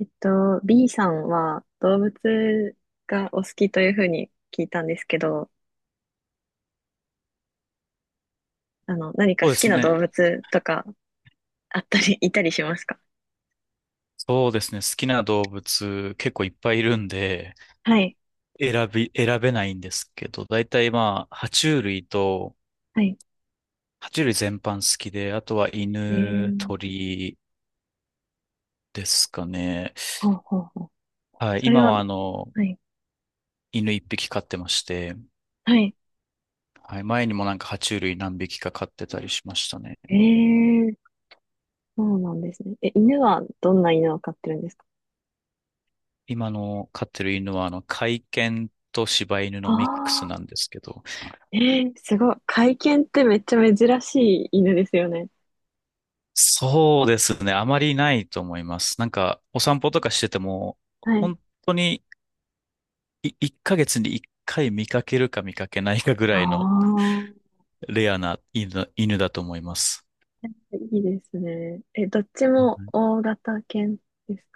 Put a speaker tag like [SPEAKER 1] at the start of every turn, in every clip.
[SPEAKER 1] B さんは動物がお好きというふうに聞いたんですけど、何か
[SPEAKER 2] そう
[SPEAKER 1] 好
[SPEAKER 2] で
[SPEAKER 1] き
[SPEAKER 2] す
[SPEAKER 1] な
[SPEAKER 2] ね。
[SPEAKER 1] 動物とかあったり、いたりしますか？
[SPEAKER 2] そうですね。好きな動物結構いっぱいいるんで、
[SPEAKER 1] はい。
[SPEAKER 2] 選べないんですけど、大体まあ、
[SPEAKER 1] はい。
[SPEAKER 2] 爬虫類全般好きで、あとは
[SPEAKER 1] え
[SPEAKER 2] 犬、
[SPEAKER 1] ー、
[SPEAKER 2] 鳥ですかね。
[SPEAKER 1] ほうほうほう。
[SPEAKER 2] はい。
[SPEAKER 1] それ
[SPEAKER 2] 今
[SPEAKER 1] は、
[SPEAKER 2] は
[SPEAKER 1] はい。
[SPEAKER 2] 犬一匹飼ってまして、
[SPEAKER 1] はい。
[SPEAKER 2] はい。前にもなんか爬虫類何匹か飼ってたりしましたね。
[SPEAKER 1] えー、そうなんですね。え、犬はどんな犬を飼ってるんですか？
[SPEAKER 2] 今の飼ってる犬は甲斐犬と柴犬のミックス
[SPEAKER 1] あ
[SPEAKER 2] な
[SPEAKER 1] あ
[SPEAKER 2] んですけど、
[SPEAKER 1] ー、えー、すごい。甲犬ってめっちゃ珍しい犬ですよね。
[SPEAKER 2] そうですね。あまりないと思います。なんか、お散歩とかしてても、
[SPEAKER 1] はい。
[SPEAKER 2] 本当に1ヶ月に1回見かけるか見かけないかぐ
[SPEAKER 1] あ
[SPEAKER 2] らいの
[SPEAKER 1] あ、
[SPEAKER 2] レアな犬だと思います。
[SPEAKER 1] いいですね。え、どっち
[SPEAKER 2] は
[SPEAKER 1] も
[SPEAKER 2] い。
[SPEAKER 1] 大型犬です？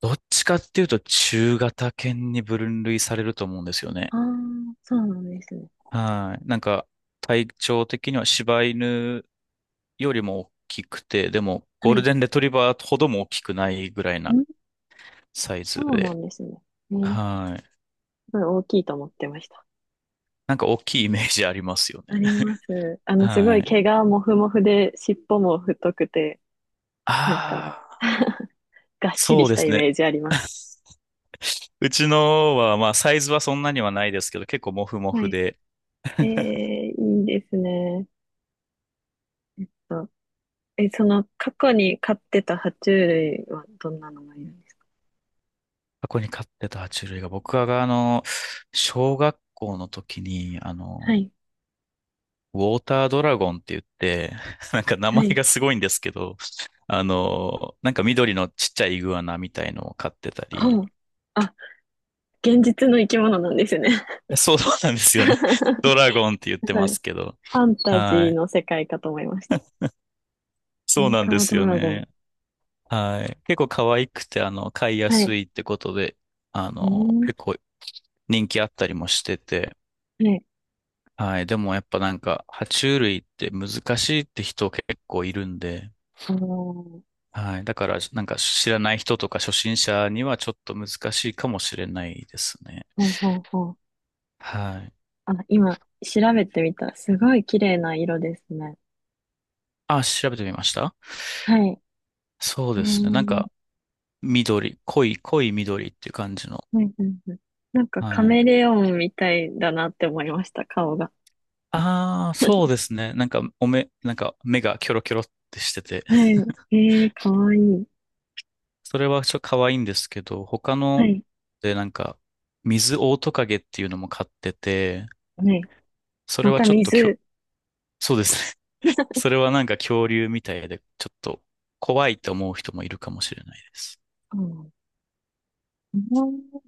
[SPEAKER 2] どっちかっていうと、中型犬に分類されると思うんですよね。
[SPEAKER 1] ああ、そうなんですね。
[SPEAKER 2] はい。なんか、体長的には柴犬よりも大きくて、でも、ゴ
[SPEAKER 1] は
[SPEAKER 2] ール
[SPEAKER 1] い。
[SPEAKER 2] デンレトリバーほども大きくないぐらいな
[SPEAKER 1] ん。
[SPEAKER 2] サイズ
[SPEAKER 1] そうな
[SPEAKER 2] で、
[SPEAKER 1] んですね。ね、
[SPEAKER 2] はい。
[SPEAKER 1] すごい大きいと思ってました。
[SPEAKER 2] なんか大きいイメージありますよ
[SPEAKER 1] あ
[SPEAKER 2] ね。
[SPEAKER 1] ります。すご
[SPEAKER 2] は
[SPEAKER 1] い
[SPEAKER 2] い。
[SPEAKER 1] 毛がもふもふで、尻尾も太くて、なんか
[SPEAKER 2] ああ、
[SPEAKER 1] がっしり
[SPEAKER 2] そう
[SPEAKER 1] し
[SPEAKER 2] で
[SPEAKER 1] た
[SPEAKER 2] す
[SPEAKER 1] イ
[SPEAKER 2] ね。
[SPEAKER 1] メージあります。
[SPEAKER 2] うちのは、まあ、サイズはそんなにはないですけど、結構モフモ
[SPEAKER 1] は
[SPEAKER 2] フ
[SPEAKER 1] い。
[SPEAKER 2] で、
[SPEAKER 1] えー、いいですね。えっと、え、過去に飼ってた爬虫類はどんなのがいるんですか？
[SPEAKER 2] 箱に飼ってた爬虫類が、僕が、小学校の時に、
[SPEAKER 1] はい。
[SPEAKER 2] ウォータードラゴンって言って、なんか名
[SPEAKER 1] は
[SPEAKER 2] 前
[SPEAKER 1] い。
[SPEAKER 2] がすごいんですけど、なんか緑のちっちゃいイグアナみたいのを飼ってた
[SPEAKER 1] ほ
[SPEAKER 2] り、
[SPEAKER 1] う。あ、現実の生き物なんですね。
[SPEAKER 2] そうそうなんですよね。ド
[SPEAKER 1] す
[SPEAKER 2] ラゴンって言って
[SPEAKER 1] ごい
[SPEAKER 2] ま
[SPEAKER 1] フ
[SPEAKER 2] すけど、
[SPEAKER 1] ァンタジ
[SPEAKER 2] は
[SPEAKER 1] ー
[SPEAKER 2] い。
[SPEAKER 1] の世界かと思いました。
[SPEAKER 2] そう
[SPEAKER 1] モー
[SPEAKER 2] なん
[SPEAKER 1] タ
[SPEAKER 2] で
[SPEAKER 1] ー
[SPEAKER 2] す
[SPEAKER 1] ド
[SPEAKER 2] よ
[SPEAKER 1] ラゴン。
[SPEAKER 2] ね。はい。結構可愛くて、飼いや
[SPEAKER 1] はい。
[SPEAKER 2] す
[SPEAKER 1] う
[SPEAKER 2] いってことで、
[SPEAKER 1] ん。
[SPEAKER 2] 結構人気あったりもしてて、
[SPEAKER 1] はい。
[SPEAKER 2] はい。でもやっぱなんか、爬虫類って難しいって人結構いるんで、
[SPEAKER 1] あのー、
[SPEAKER 2] はい。だから、なんか知らない人とか初心者にはちょっと難しいかもしれないですね。
[SPEAKER 1] ほうほうほう。
[SPEAKER 2] はい。
[SPEAKER 1] あ、今、調べてみた。すごい綺麗な色ですね。
[SPEAKER 2] あ、調べてみました？
[SPEAKER 1] はい。
[SPEAKER 2] そう
[SPEAKER 1] え
[SPEAKER 2] ですね。なん
[SPEAKER 1] ー、
[SPEAKER 2] か、緑、濃い緑っていう感じの。
[SPEAKER 1] はいはいはい。なんかカ
[SPEAKER 2] はい。
[SPEAKER 1] メレオンみたいだなって思いました、顔が。
[SPEAKER 2] ああ、そうですね。なんか、なんか目がキョロキョロってしてて、
[SPEAKER 1] はい。えー、かわいい。
[SPEAKER 2] それはちょっと可愛いんですけど、他
[SPEAKER 1] は
[SPEAKER 2] の
[SPEAKER 1] い。
[SPEAKER 2] でなんか、水オオトカゲっていうのも飼ってて、
[SPEAKER 1] はい。
[SPEAKER 2] それ
[SPEAKER 1] ま
[SPEAKER 2] は
[SPEAKER 1] た
[SPEAKER 2] ちょっときょ、
[SPEAKER 1] 水。
[SPEAKER 2] そうですね。それはなんか恐竜みたいで、ちょっと怖いと思う人もいるかもしれないです。
[SPEAKER 1] あのうん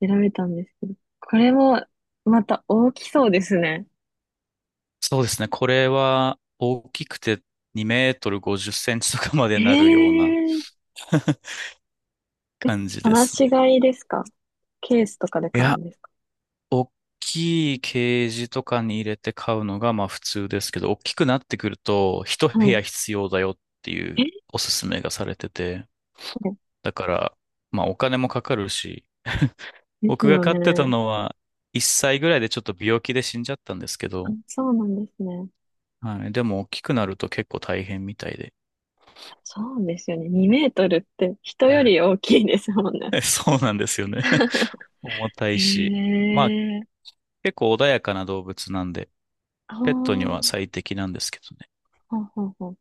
[SPEAKER 1] 調べたんですけど。これも、また大きそうですね。
[SPEAKER 2] そうですね。これは大きくて2メートル50センチとかまで
[SPEAKER 1] え
[SPEAKER 2] なるような
[SPEAKER 1] ー、
[SPEAKER 2] 感じで
[SPEAKER 1] 放
[SPEAKER 2] す
[SPEAKER 1] し
[SPEAKER 2] ね。
[SPEAKER 1] 飼いですか？ケースとかで
[SPEAKER 2] い
[SPEAKER 1] 買う
[SPEAKER 2] や、
[SPEAKER 1] んです？
[SPEAKER 2] 大きいケージとかに入れて飼うのがまあ普通ですけど、大きくなってくると一部
[SPEAKER 1] は
[SPEAKER 2] 屋必要だよっていう
[SPEAKER 1] い。え
[SPEAKER 2] おすすめがされてて、
[SPEAKER 1] ー、
[SPEAKER 2] だからまあお金もかかるし、
[SPEAKER 1] です
[SPEAKER 2] 僕が
[SPEAKER 1] よ
[SPEAKER 2] 飼ってた
[SPEAKER 1] ね。
[SPEAKER 2] のは1歳ぐらいでちょっと病気で死んじゃったんですけ
[SPEAKER 1] あ、
[SPEAKER 2] ど、
[SPEAKER 1] そうなんですね。
[SPEAKER 2] はい、でも大きくなると結構大変みたいで。
[SPEAKER 1] そうですよね。2メートルって人より 大きいですもんね。
[SPEAKER 2] そうなんですよね。重たいし。
[SPEAKER 1] へ
[SPEAKER 2] まあ
[SPEAKER 1] え。
[SPEAKER 2] 結構穏やかな動物なんで、
[SPEAKER 1] ああ、
[SPEAKER 2] ペットに
[SPEAKER 1] ほ
[SPEAKER 2] は最適なんですけどね。
[SPEAKER 1] うほうほう。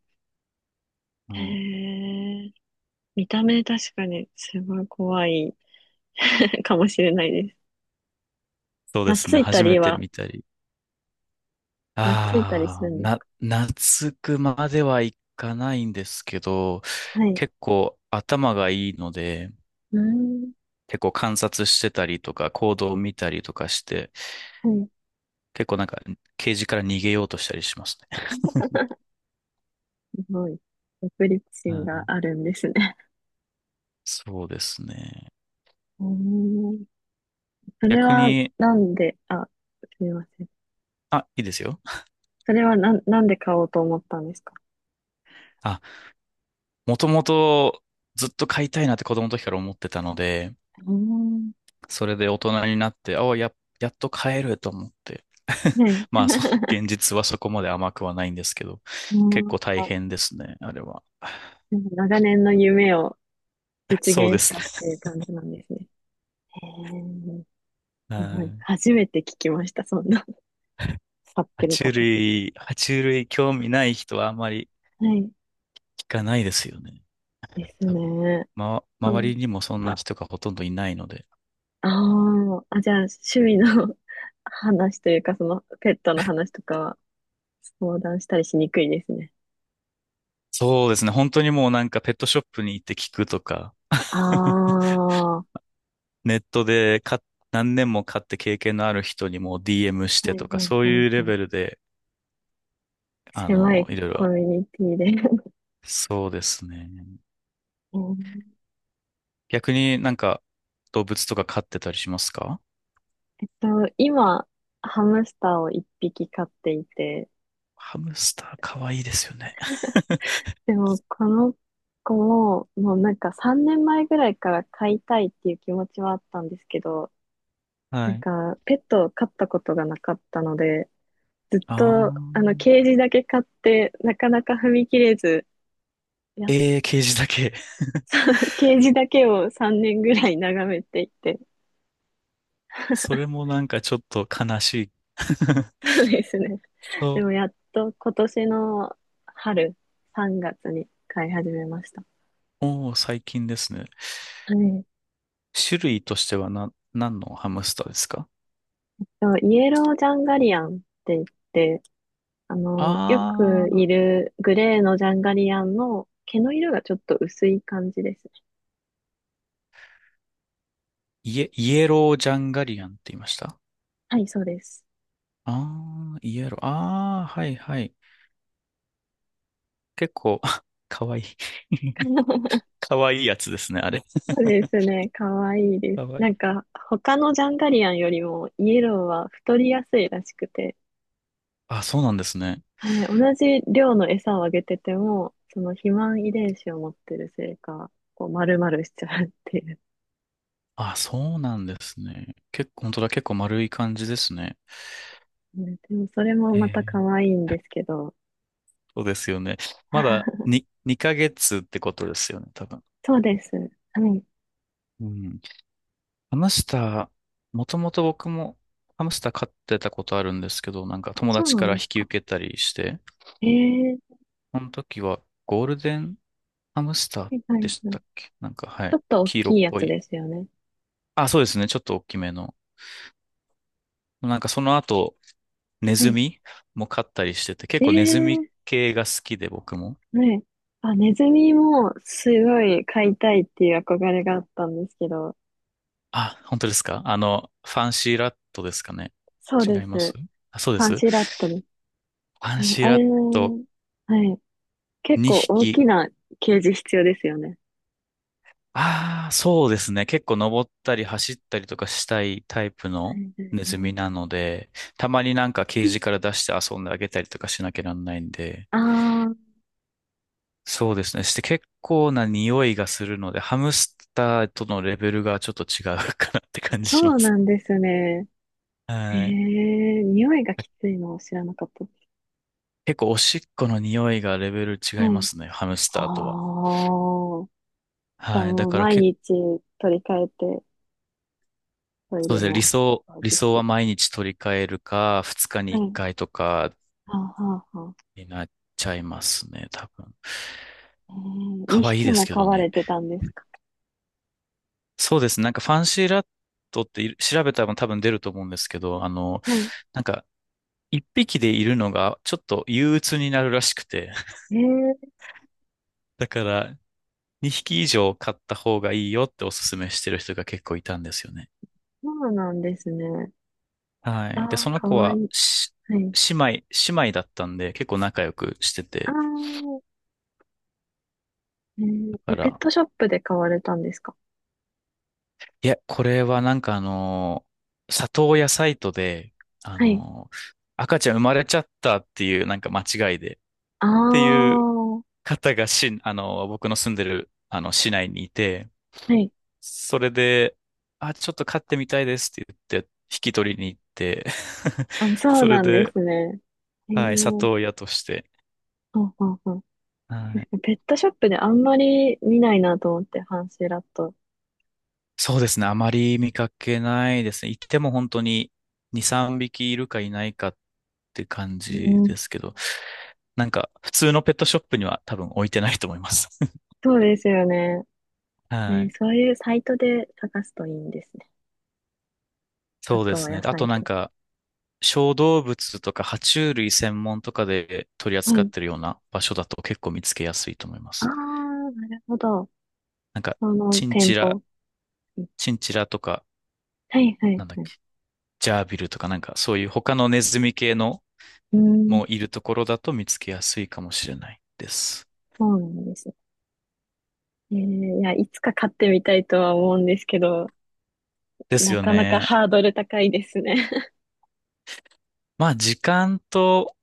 [SPEAKER 2] は
[SPEAKER 1] へ
[SPEAKER 2] い、
[SPEAKER 1] え。見た目確かにすごい怖い かもしれないです。
[SPEAKER 2] そうですね。
[SPEAKER 1] 懐いた
[SPEAKER 2] 初め
[SPEAKER 1] り
[SPEAKER 2] て
[SPEAKER 1] は、
[SPEAKER 2] 見たり。
[SPEAKER 1] 懐いたりす
[SPEAKER 2] あ
[SPEAKER 1] る
[SPEAKER 2] あ、
[SPEAKER 1] んですか？
[SPEAKER 2] 懐くまではいかないんですけど、
[SPEAKER 1] はい。
[SPEAKER 2] 結構頭がいいので、
[SPEAKER 1] うーん。
[SPEAKER 2] 結構観察してたりとか、行動を見たりとかして、
[SPEAKER 1] はい、
[SPEAKER 2] 結構なんか、ケージから逃げようとしたりしますね。
[SPEAKER 1] すごい。独立
[SPEAKER 2] う
[SPEAKER 1] 心が
[SPEAKER 2] ん、
[SPEAKER 1] あるんですね。
[SPEAKER 2] そうですね。
[SPEAKER 1] うーん。それ
[SPEAKER 2] 逆
[SPEAKER 1] は
[SPEAKER 2] に、
[SPEAKER 1] なんで、あ、すみません。
[SPEAKER 2] あ、いいですよ。
[SPEAKER 1] それはなんで買おうと思ったんですか？
[SPEAKER 2] あ、もともとずっと飼いたいなって子供の時から思ってたので、
[SPEAKER 1] うん。
[SPEAKER 2] それで大人になって、やっと帰ると思って。
[SPEAKER 1] ね
[SPEAKER 2] ま
[SPEAKER 1] え。
[SPEAKER 2] あ、そう、現実はそこまで甘くはないんですけど、
[SPEAKER 1] う
[SPEAKER 2] 結
[SPEAKER 1] ん
[SPEAKER 2] 構大変ですね、あれは。
[SPEAKER 1] なんか長年の夢を 実
[SPEAKER 2] そうで
[SPEAKER 1] 現し
[SPEAKER 2] す
[SPEAKER 1] た
[SPEAKER 2] ね。
[SPEAKER 1] っていう感じなんですね。へえ、すごい。
[SPEAKER 2] は
[SPEAKER 1] 初めて聞きました、そんな。買っ
[SPEAKER 2] い。
[SPEAKER 1] てる方。
[SPEAKER 2] 爬虫類興味ない人はあまり
[SPEAKER 1] はい。
[SPEAKER 2] 聞かないですよね。
[SPEAKER 1] です
[SPEAKER 2] 多分。
[SPEAKER 1] ね。
[SPEAKER 2] ま、
[SPEAKER 1] う
[SPEAKER 2] 周
[SPEAKER 1] ん、
[SPEAKER 2] りにもそんな人がほとんどいないので。
[SPEAKER 1] ああ、あ、じゃあ、趣味の 話というか、その、ペットの話とかは、相談したりしにくいですね。
[SPEAKER 2] そうですね。本当にもうなんかペットショップに行って聞くとか、
[SPEAKER 1] あ あ、は
[SPEAKER 2] ネットで買っ何年も買って経験のある人にもう DM し
[SPEAKER 1] い
[SPEAKER 2] て
[SPEAKER 1] は
[SPEAKER 2] と
[SPEAKER 1] い
[SPEAKER 2] か、そう
[SPEAKER 1] は
[SPEAKER 2] いう
[SPEAKER 1] い
[SPEAKER 2] レ
[SPEAKER 1] はい。
[SPEAKER 2] ベルで
[SPEAKER 1] 狭い
[SPEAKER 2] いろい
[SPEAKER 1] コ
[SPEAKER 2] ろ。
[SPEAKER 1] ミュニティで。
[SPEAKER 2] そうですね。
[SPEAKER 1] うん
[SPEAKER 2] 逆になんか動物とか飼ってたりしますか？
[SPEAKER 1] えっと、今、ハムスターを一匹飼っていて、
[SPEAKER 2] ハムスターかわいいですよね。
[SPEAKER 1] でも、この子も、もうなんか3年前ぐらいから飼いたいっていう気持ちはあったんですけど、な
[SPEAKER 2] は
[SPEAKER 1] ん
[SPEAKER 2] い。
[SPEAKER 1] か、ペットを飼ったことがなかったので、ずっ
[SPEAKER 2] あ
[SPEAKER 1] と、
[SPEAKER 2] ー。
[SPEAKER 1] ケージだけ飼って、なかなか踏み切れず、やっ、
[SPEAKER 2] えー、ケージだけ。
[SPEAKER 1] ケージだけを3年ぐらい眺めていて、
[SPEAKER 2] それもなんかちょっと悲しい。
[SPEAKER 1] そうですね。
[SPEAKER 2] そ
[SPEAKER 1] でも、や
[SPEAKER 2] う。
[SPEAKER 1] っと今年の春、3月に飼い始めました。
[SPEAKER 2] おー、最近ですね。
[SPEAKER 1] はい。
[SPEAKER 2] 種類としては何のハムスターですか？
[SPEAKER 1] そう、イエロージャンガリアンって言って、よ
[SPEAKER 2] あ
[SPEAKER 1] く
[SPEAKER 2] ー、
[SPEAKER 1] いるグレーのジャンガリアンの毛の色がちょっと薄い感じですね。
[SPEAKER 2] イエロージャンガリアンって言いました？
[SPEAKER 1] はい、そうです。
[SPEAKER 2] あー、イエロー。あー、はいはい。結構、かわいい。かわいいやつですね、あれ。
[SPEAKER 1] そうですね。かわいいで
[SPEAKER 2] か
[SPEAKER 1] す。
[SPEAKER 2] わい
[SPEAKER 1] なん
[SPEAKER 2] い。
[SPEAKER 1] か、他のジャンガリアンよりもイエローは太りやすいらしくて、
[SPEAKER 2] あ、そうなんですね。
[SPEAKER 1] はい、同じ量の餌をあげてても、その肥満遺伝子を持ってるせいか、こう丸々しちゃうっていう。
[SPEAKER 2] あ、そうなんですね。本当だ、結構丸い感じですね。
[SPEAKER 1] ね、でもそれも
[SPEAKER 2] え
[SPEAKER 1] また可
[SPEAKER 2] え、
[SPEAKER 1] 愛いんですけど。
[SPEAKER 2] そうですよね。まだ 2、二ヶ月ってことですよね、多分。
[SPEAKER 1] そうです。はい。
[SPEAKER 2] うん。ハムスター、もともと僕もハムスター飼ってたことあるんですけど、なんか友
[SPEAKER 1] そう
[SPEAKER 2] 達
[SPEAKER 1] な
[SPEAKER 2] か
[SPEAKER 1] ん
[SPEAKER 2] ら
[SPEAKER 1] で
[SPEAKER 2] 引
[SPEAKER 1] す
[SPEAKER 2] き
[SPEAKER 1] か。
[SPEAKER 2] 受けたりして、
[SPEAKER 1] ええ、
[SPEAKER 2] その時はゴールデンハムスター
[SPEAKER 1] はいは
[SPEAKER 2] で
[SPEAKER 1] い
[SPEAKER 2] し
[SPEAKER 1] はい。
[SPEAKER 2] た
[SPEAKER 1] ち
[SPEAKER 2] っけなんか、は
[SPEAKER 1] ょ
[SPEAKER 2] い。
[SPEAKER 1] っと大
[SPEAKER 2] 黄色
[SPEAKER 1] き
[SPEAKER 2] っ
[SPEAKER 1] いや
[SPEAKER 2] ぽ
[SPEAKER 1] つ
[SPEAKER 2] い。
[SPEAKER 1] ですよね。
[SPEAKER 2] あ、そうですね。ちょっと大きめの。なんかその後、ネ
[SPEAKER 1] は
[SPEAKER 2] ズ
[SPEAKER 1] い。
[SPEAKER 2] ミも飼ったりしてて、結構ネズミ
[SPEAKER 1] ええ、
[SPEAKER 2] 系が好きで僕も。
[SPEAKER 1] ね。あ、ネズミもすごい飼いたいっていう憧れがあったんですけど、
[SPEAKER 2] あ、本当ですか？ファンシーラットですかね？
[SPEAKER 1] そう
[SPEAKER 2] 違
[SPEAKER 1] で
[SPEAKER 2] います？
[SPEAKER 1] す。
[SPEAKER 2] あ、そうで
[SPEAKER 1] パン
[SPEAKER 2] す。フ
[SPEAKER 1] シーラットです。
[SPEAKER 2] ァン
[SPEAKER 1] うん、
[SPEAKER 2] シー
[SPEAKER 1] あ
[SPEAKER 2] ラッ
[SPEAKER 1] れ、
[SPEAKER 2] ト
[SPEAKER 1] はい。結構
[SPEAKER 2] 2
[SPEAKER 1] 大
[SPEAKER 2] 匹。
[SPEAKER 1] きなケージ必要ですよね。
[SPEAKER 2] ああ、そうですね。結構登ったり走ったりとかしたいタイプ
[SPEAKER 1] は
[SPEAKER 2] の
[SPEAKER 1] いは
[SPEAKER 2] ネ
[SPEAKER 1] い
[SPEAKER 2] ズ
[SPEAKER 1] はい。
[SPEAKER 2] ミなので、たまになんかケージから出して遊んであげたりとかしなきゃなんないんで、
[SPEAKER 1] ああ、
[SPEAKER 2] そうですね。して結構な匂いがするので、ハムスターとのレベルがちょっと違うかなって感じ
[SPEAKER 1] そ
[SPEAKER 2] しま
[SPEAKER 1] う
[SPEAKER 2] す。
[SPEAKER 1] なんですね。え
[SPEAKER 2] はい。
[SPEAKER 1] え、匂いがきついのを知らなかったです。
[SPEAKER 2] 結構おしっこの匂いがレベル
[SPEAKER 1] は
[SPEAKER 2] 違いま
[SPEAKER 1] い。
[SPEAKER 2] すね、ハムスターとは。
[SPEAKER 1] ああ。じゃあ
[SPEAKER 2] はい。だ
[SPEAKER 1] もう
[SPEAKER 2] から
[SPEAKER 1] 毎
[SPEAKER 2] 結構、
[SPEAKER 1] 日取り替えてトイ
[SPEAKER 2] そうで
[SPEAKER 1] レ
[SPEAKER 2] すね、
[SPEAKER 1] も掃
[SPEAKER 2] 理
[SPEAKER 1] 除し
[SPEAKER 2] 想は
[SPEAKER 1] て。
[SPEAKER 2] 毎日取り替えるか、2日に
[SPEAKER 1] は
[SPEAKER 2] 1
[SPEAKER 1] い。
[SPEAKER 2] 回とか
[SPEAKER 1] はあ、はあ、は
[SPEAKER 2] になっちゃいますね、多分。
[SPEAKER 1] あ。えー、
[SPEAKER 2] 可
[SPEAKER 1] 2
[SPEAKER 2] 愛い
[SPEAKER 1] 匹
[SPEAKER 2] です
[SPEAKER 1] も
[SPEAKER 2] け
[SPEAKER 1] 飼
[SPEAKER 2] ど
[SPEAKER 1] わ
[SPEAKER 2] ね。
[SPEAKER 1] れてたんですか。
[SPEAKER 2] そうですね、なんかファンシーラットって調べたら多分出ると思うんですけど、
[SPEAKER 1] はい。
[SPEAKER 2] なんか一匹でいるのがちょっと憂鬱になるらしくて、
[SPEAKER 1] えー、
[SPEAKER 2] だから2匹以上飼った方がいいよっておすすめしてる人が結構いたんですよね。
[SPEAKER 1] そうなんですね。
[SPEAKER 2] はい。で、
[SPEAKER 1] ああ、
[SPEAKER 2] その
[SPEAKER 1] か
[SPEAKER 2] 子
[SPEAKER 1] わい
[SPEAKER 2] は、
[SPEAKER 1] い。はい。
[SPEAKER 2] 姉妹だったんで、結構仲良くして
[SPEAKER 1] ああ、
[SPEAKER 2] て。
[SPEAKER 1] えー、え、
[SPEAKER 2] だか
[SPEAKER 1] ペッ
[SPEAKER 2] ら、
[SPEAKER 1] トショップで飼われたんですか。
[SPEAKER 2] いや、これはなんか里親サイトで、あ
[SPEAKER 1] はい。
[SPEAKER 2] のー、赤ちゃん生まれちゃったっていうなんか間違いで、っ
[SPEAKER 1] ああ、
[SPEAKER 2] ていう
[SPEAKER 1] は
[SPEAKER 2] 方が僕の住んでる、市内にいて、
[SPEAKER 1] い。
[SPEAKER 2] それで、あ、ちょっと飼ってみたいですって言って、引き取りに行って、
[SPEAKER 1] あ、そう
[SPEAKER 2] それ
[SPEAKER 1] なんで
[SPEAKER 2] で、
[SPEAKER 1] すね。えー、
[SPEAKER 2] はい、
[SPEAKER 1] は
[SPEAKER 2] 里親として、
[SPEAKER 1] はは
[SPEAKER 2] はい、
[SPEAKER 1] ペットショップであんまり見ないなと思って、ハンシーラット。
[SPEAKER 2] そうですね。あまり見かけないですね。行っても本当に2、3匹いるかいないかって感
[SPEAKER 1] う
[SPEAKER 2] じ
[SPEAKER 1] ん、
[SPEAKER 2] ですけど、なんか普通のペットショップには多分置いてないと思います。
[SPEAKER 1] そうですよね。え
[SPEAKER 2] は
[SPEAKER 1] ー、
[SPEAKER 2] い。
[SPEAKER 1] そういうサイトで探すといいんですね。あ
[SPEAKER 2] そうで
[SPEAKER 1] とは
[SPEAKER 2] すね。
[SPEAKER 1] 野
[SPEAKER 2] あと
[SPEAKER 1] 菜
[SPEAKER 2] なん
[SPEAKER 1] と。
[SPEAKER 2] か小動物とか爬虫類専門とかで取り
[SPEAKER 1] は
[SPEAKER 2] 扱っ
[SPEAKER 1] い。
[SPEAKER 2] てるような場所だと結構見つけやすいと思いま
[SPEAKER 1] ああ、
[SPEAKER 2] す。
[SPEAKER 1] なるほど。
[SPEAKER 2] なんか
[SPEAKER 1] その
[SPEAKER 2] チン
[SPEAKER 1] 店
[SPEAKER 2] チラ、
[SPEAKER 1] 舗。
[SPEAKER 2] チンチラとか、
[SPEAKER 1] はいは
[SPEAKER 2] な
[SPEAKER 1] い
[SPEAKER 2] んだっ
[SPEAKER 1] はい。
[SPEAKER 2] け、ジャービルとかなんかそういう他のネズミ系の
[SPEAKER 1] うーん、
[SPEAKER 2] もいるところだと見つけやすいかもしれないです。
[SPEAKER 1] そうなんです。えー、いや、いつか買ってみたいとは思うんですけど、
[SPEAKER 2] です
[SPEAKER 1] な
[SPEAKER 2] よ
[SPEAKER 1] かなか
[SPEAKER 2] ね。
[SPEAKER 1] ハードル高いですね。
[SPEAKER 2] まあ、時間と、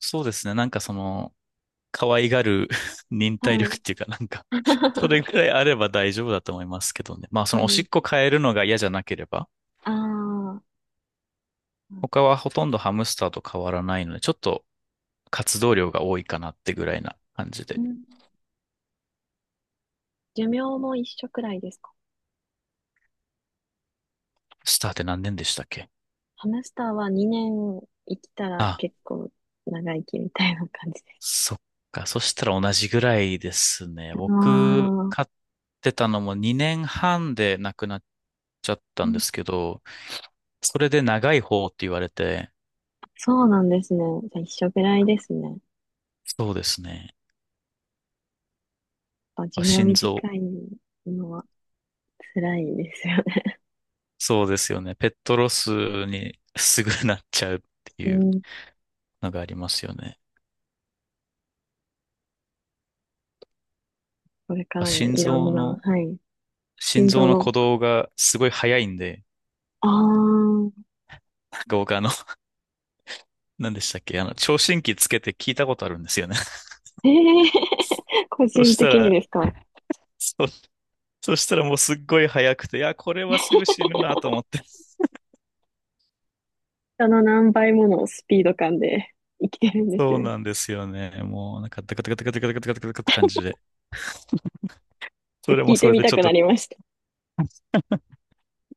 [SPEAKER 2] そうですね。なんかその、可愛がる 忍
[SPEAKER 1] は
[SPEAKER 2] 耐力っ
[SPEAKER 1] い。
[SPEAKER 2] ていうか、なんか それ ぐらいあれば大丈夫だと思いますけどね。まあ、そ
[SPEAKER 1] そ
[SPEAKER 2] の
[SPEAKER 1] う
[SPEAKER 2] おし
[SPEAKER 1] で
[SPEAKER 2] っこ
[SPEAKER 1] す。
[SPEAKER 2] 変えるのが嫌じゃなければ、
[SPEAKER 1] ああ、
[SPEAKER 2] 他はほとんどハムスターと変わらないので、ちょっと活動量が多いかなってぐらいな感じ
[SPEAKER 1] う
[SPEAKER 2] で。
[SPEAKER 1] ん。寿命も一緒くらいですか？
[SPEAKER 2] スターって何年でしたっけ？
[SPEAKER 1] ハムスターは2年生きたら
[SPEAKER 2] あ、
[SPEAKER 1] 結構長生きみたいな感じです。
[SPEAKER 2] そっか。そしたら同じぐらいですね。
[SPEAKER 1] あ
[SPEAKER 2] 僕、
[SPEAKER 1] あ、
[SPEAKER 2] 飼ってたのも2年半で亡くなっちゃった
[SPEAKER 1] う
[SPEAKER 2] んで
[SPEAKER 1] ん、
[SPEAKER 2] すけど、それで長い方って言われて、
[SPEAKER 1] そうなんですね。じゃあ一緒くらいですね。
[SPEAKER 2] そうですね。
[SPEAKER 1] 寿
[SPEAKER 2] あ
[SPEAKER 1] 命
[SPEAKER 2] 心臓、
[SPEAKER 1] 短いのは辛いですよね。
[SPEAKER 2] そうですよね。ペットロスにすぐなっちゃうって
[SPEAKER 1] う
[SPEAKER 2] いう
[SPEAKER 1] ん、
[SPEAKER 2] のがありますよね。
[SPEAKER 1] これか
[SPEAKER 2] あ
[SPEAKER 1] らも
[SPEAKER 2] 心
[SPEAKER 1] いろ
[SPEAKER 2] 臓
[SPEAKER 1] んな、
[SPEAKER 2] の、
[SPEAKER 1] はい、
[SPEAKER 2] 心
[SPEAKER 1] 心
[SPEAKER 2] 臓
[SPEAKER 1] 臓
[SPEAKER 2] の
[SPEAKER 1] の、
[SPEAKER 2] 鼓動がすごい早いんで、
[SPEAKER 1] あー、
[SPEAKER 2] なんか僕何でしたっけ、聴診器つけて聞いたことあるんですよね。
[SPEAKER 1] 個
[SPEAKER 2] そ
[SPEAKER 1] 人
[SPEAKER 2] した
[SPEAKER 1] 的に
[SPEAKER 2] ら、
[SPEAKER 1] ですか。
[SPEAKER 2] そ、そしたらもうすっごい早くて、いや、これはすぐ 死ぬなと思って。
[SPEAKER 1] 人の何倍ものスピード感で生きてるんです
[SPEAKER 2] そう
[SPEAKER 1] ね。
[SPEAKER 2] なんですよね。もうなんか、ダカダカダカダカダカダカダカって感じで。それ
[SPEAKER 1] 聞
[SPEAKER 2] も
[SPEAKER 1] い
[SPEAKER 2] そ
[SPEAKER 1] て
[SPEAKER 2] れ
[SPEAKER 1] み
[SPEAKER 2] でち
[SPEAKER 1] た
[SPEAKER 2] ょっ
[SPEAKER 1] くな
[SPEAKER 2] と
[SPEAKER 1] りました。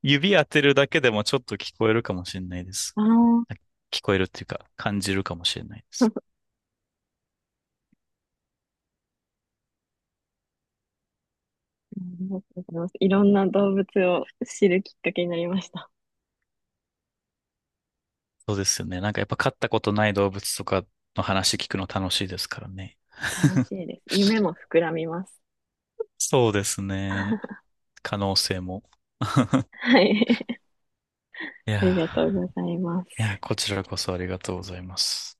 [SPEAKER 2] 指当てるだけでもちょっと聞こえるかもしれないです。
[SPEAKER 1] あ
[SPEAKER 2] 聞こえるっていうか、感じるかもしれないで
[SPEAKER 1] あ
[SPEAKER 2] す。
[SPEAKER 1] ありがとうございます。いろんな動物を知るきっかけになりました。
[SPEAKER 2] そうですよね。なんかやっぱ飼ったことない動物とかの話聞くの楽しいですからね。
[SPEAKER 1] 楽しいです。夢も膨らみます。
[SPEAKER 2] そうです ね。
[SPEAKER 1] は
[SPEAKER 2] 可能性も。
[SPEAKER 1] い。
[SPEAKER 2] い
[SPEAKER 1] ありがとう
[SPEAKER 2] や
[SPEAKER 1] ございま
[SPEAKER 2] ー、いやー、
[SPEAKER 1] す。
[SPEAKER 2] こちらこそありがとうございます。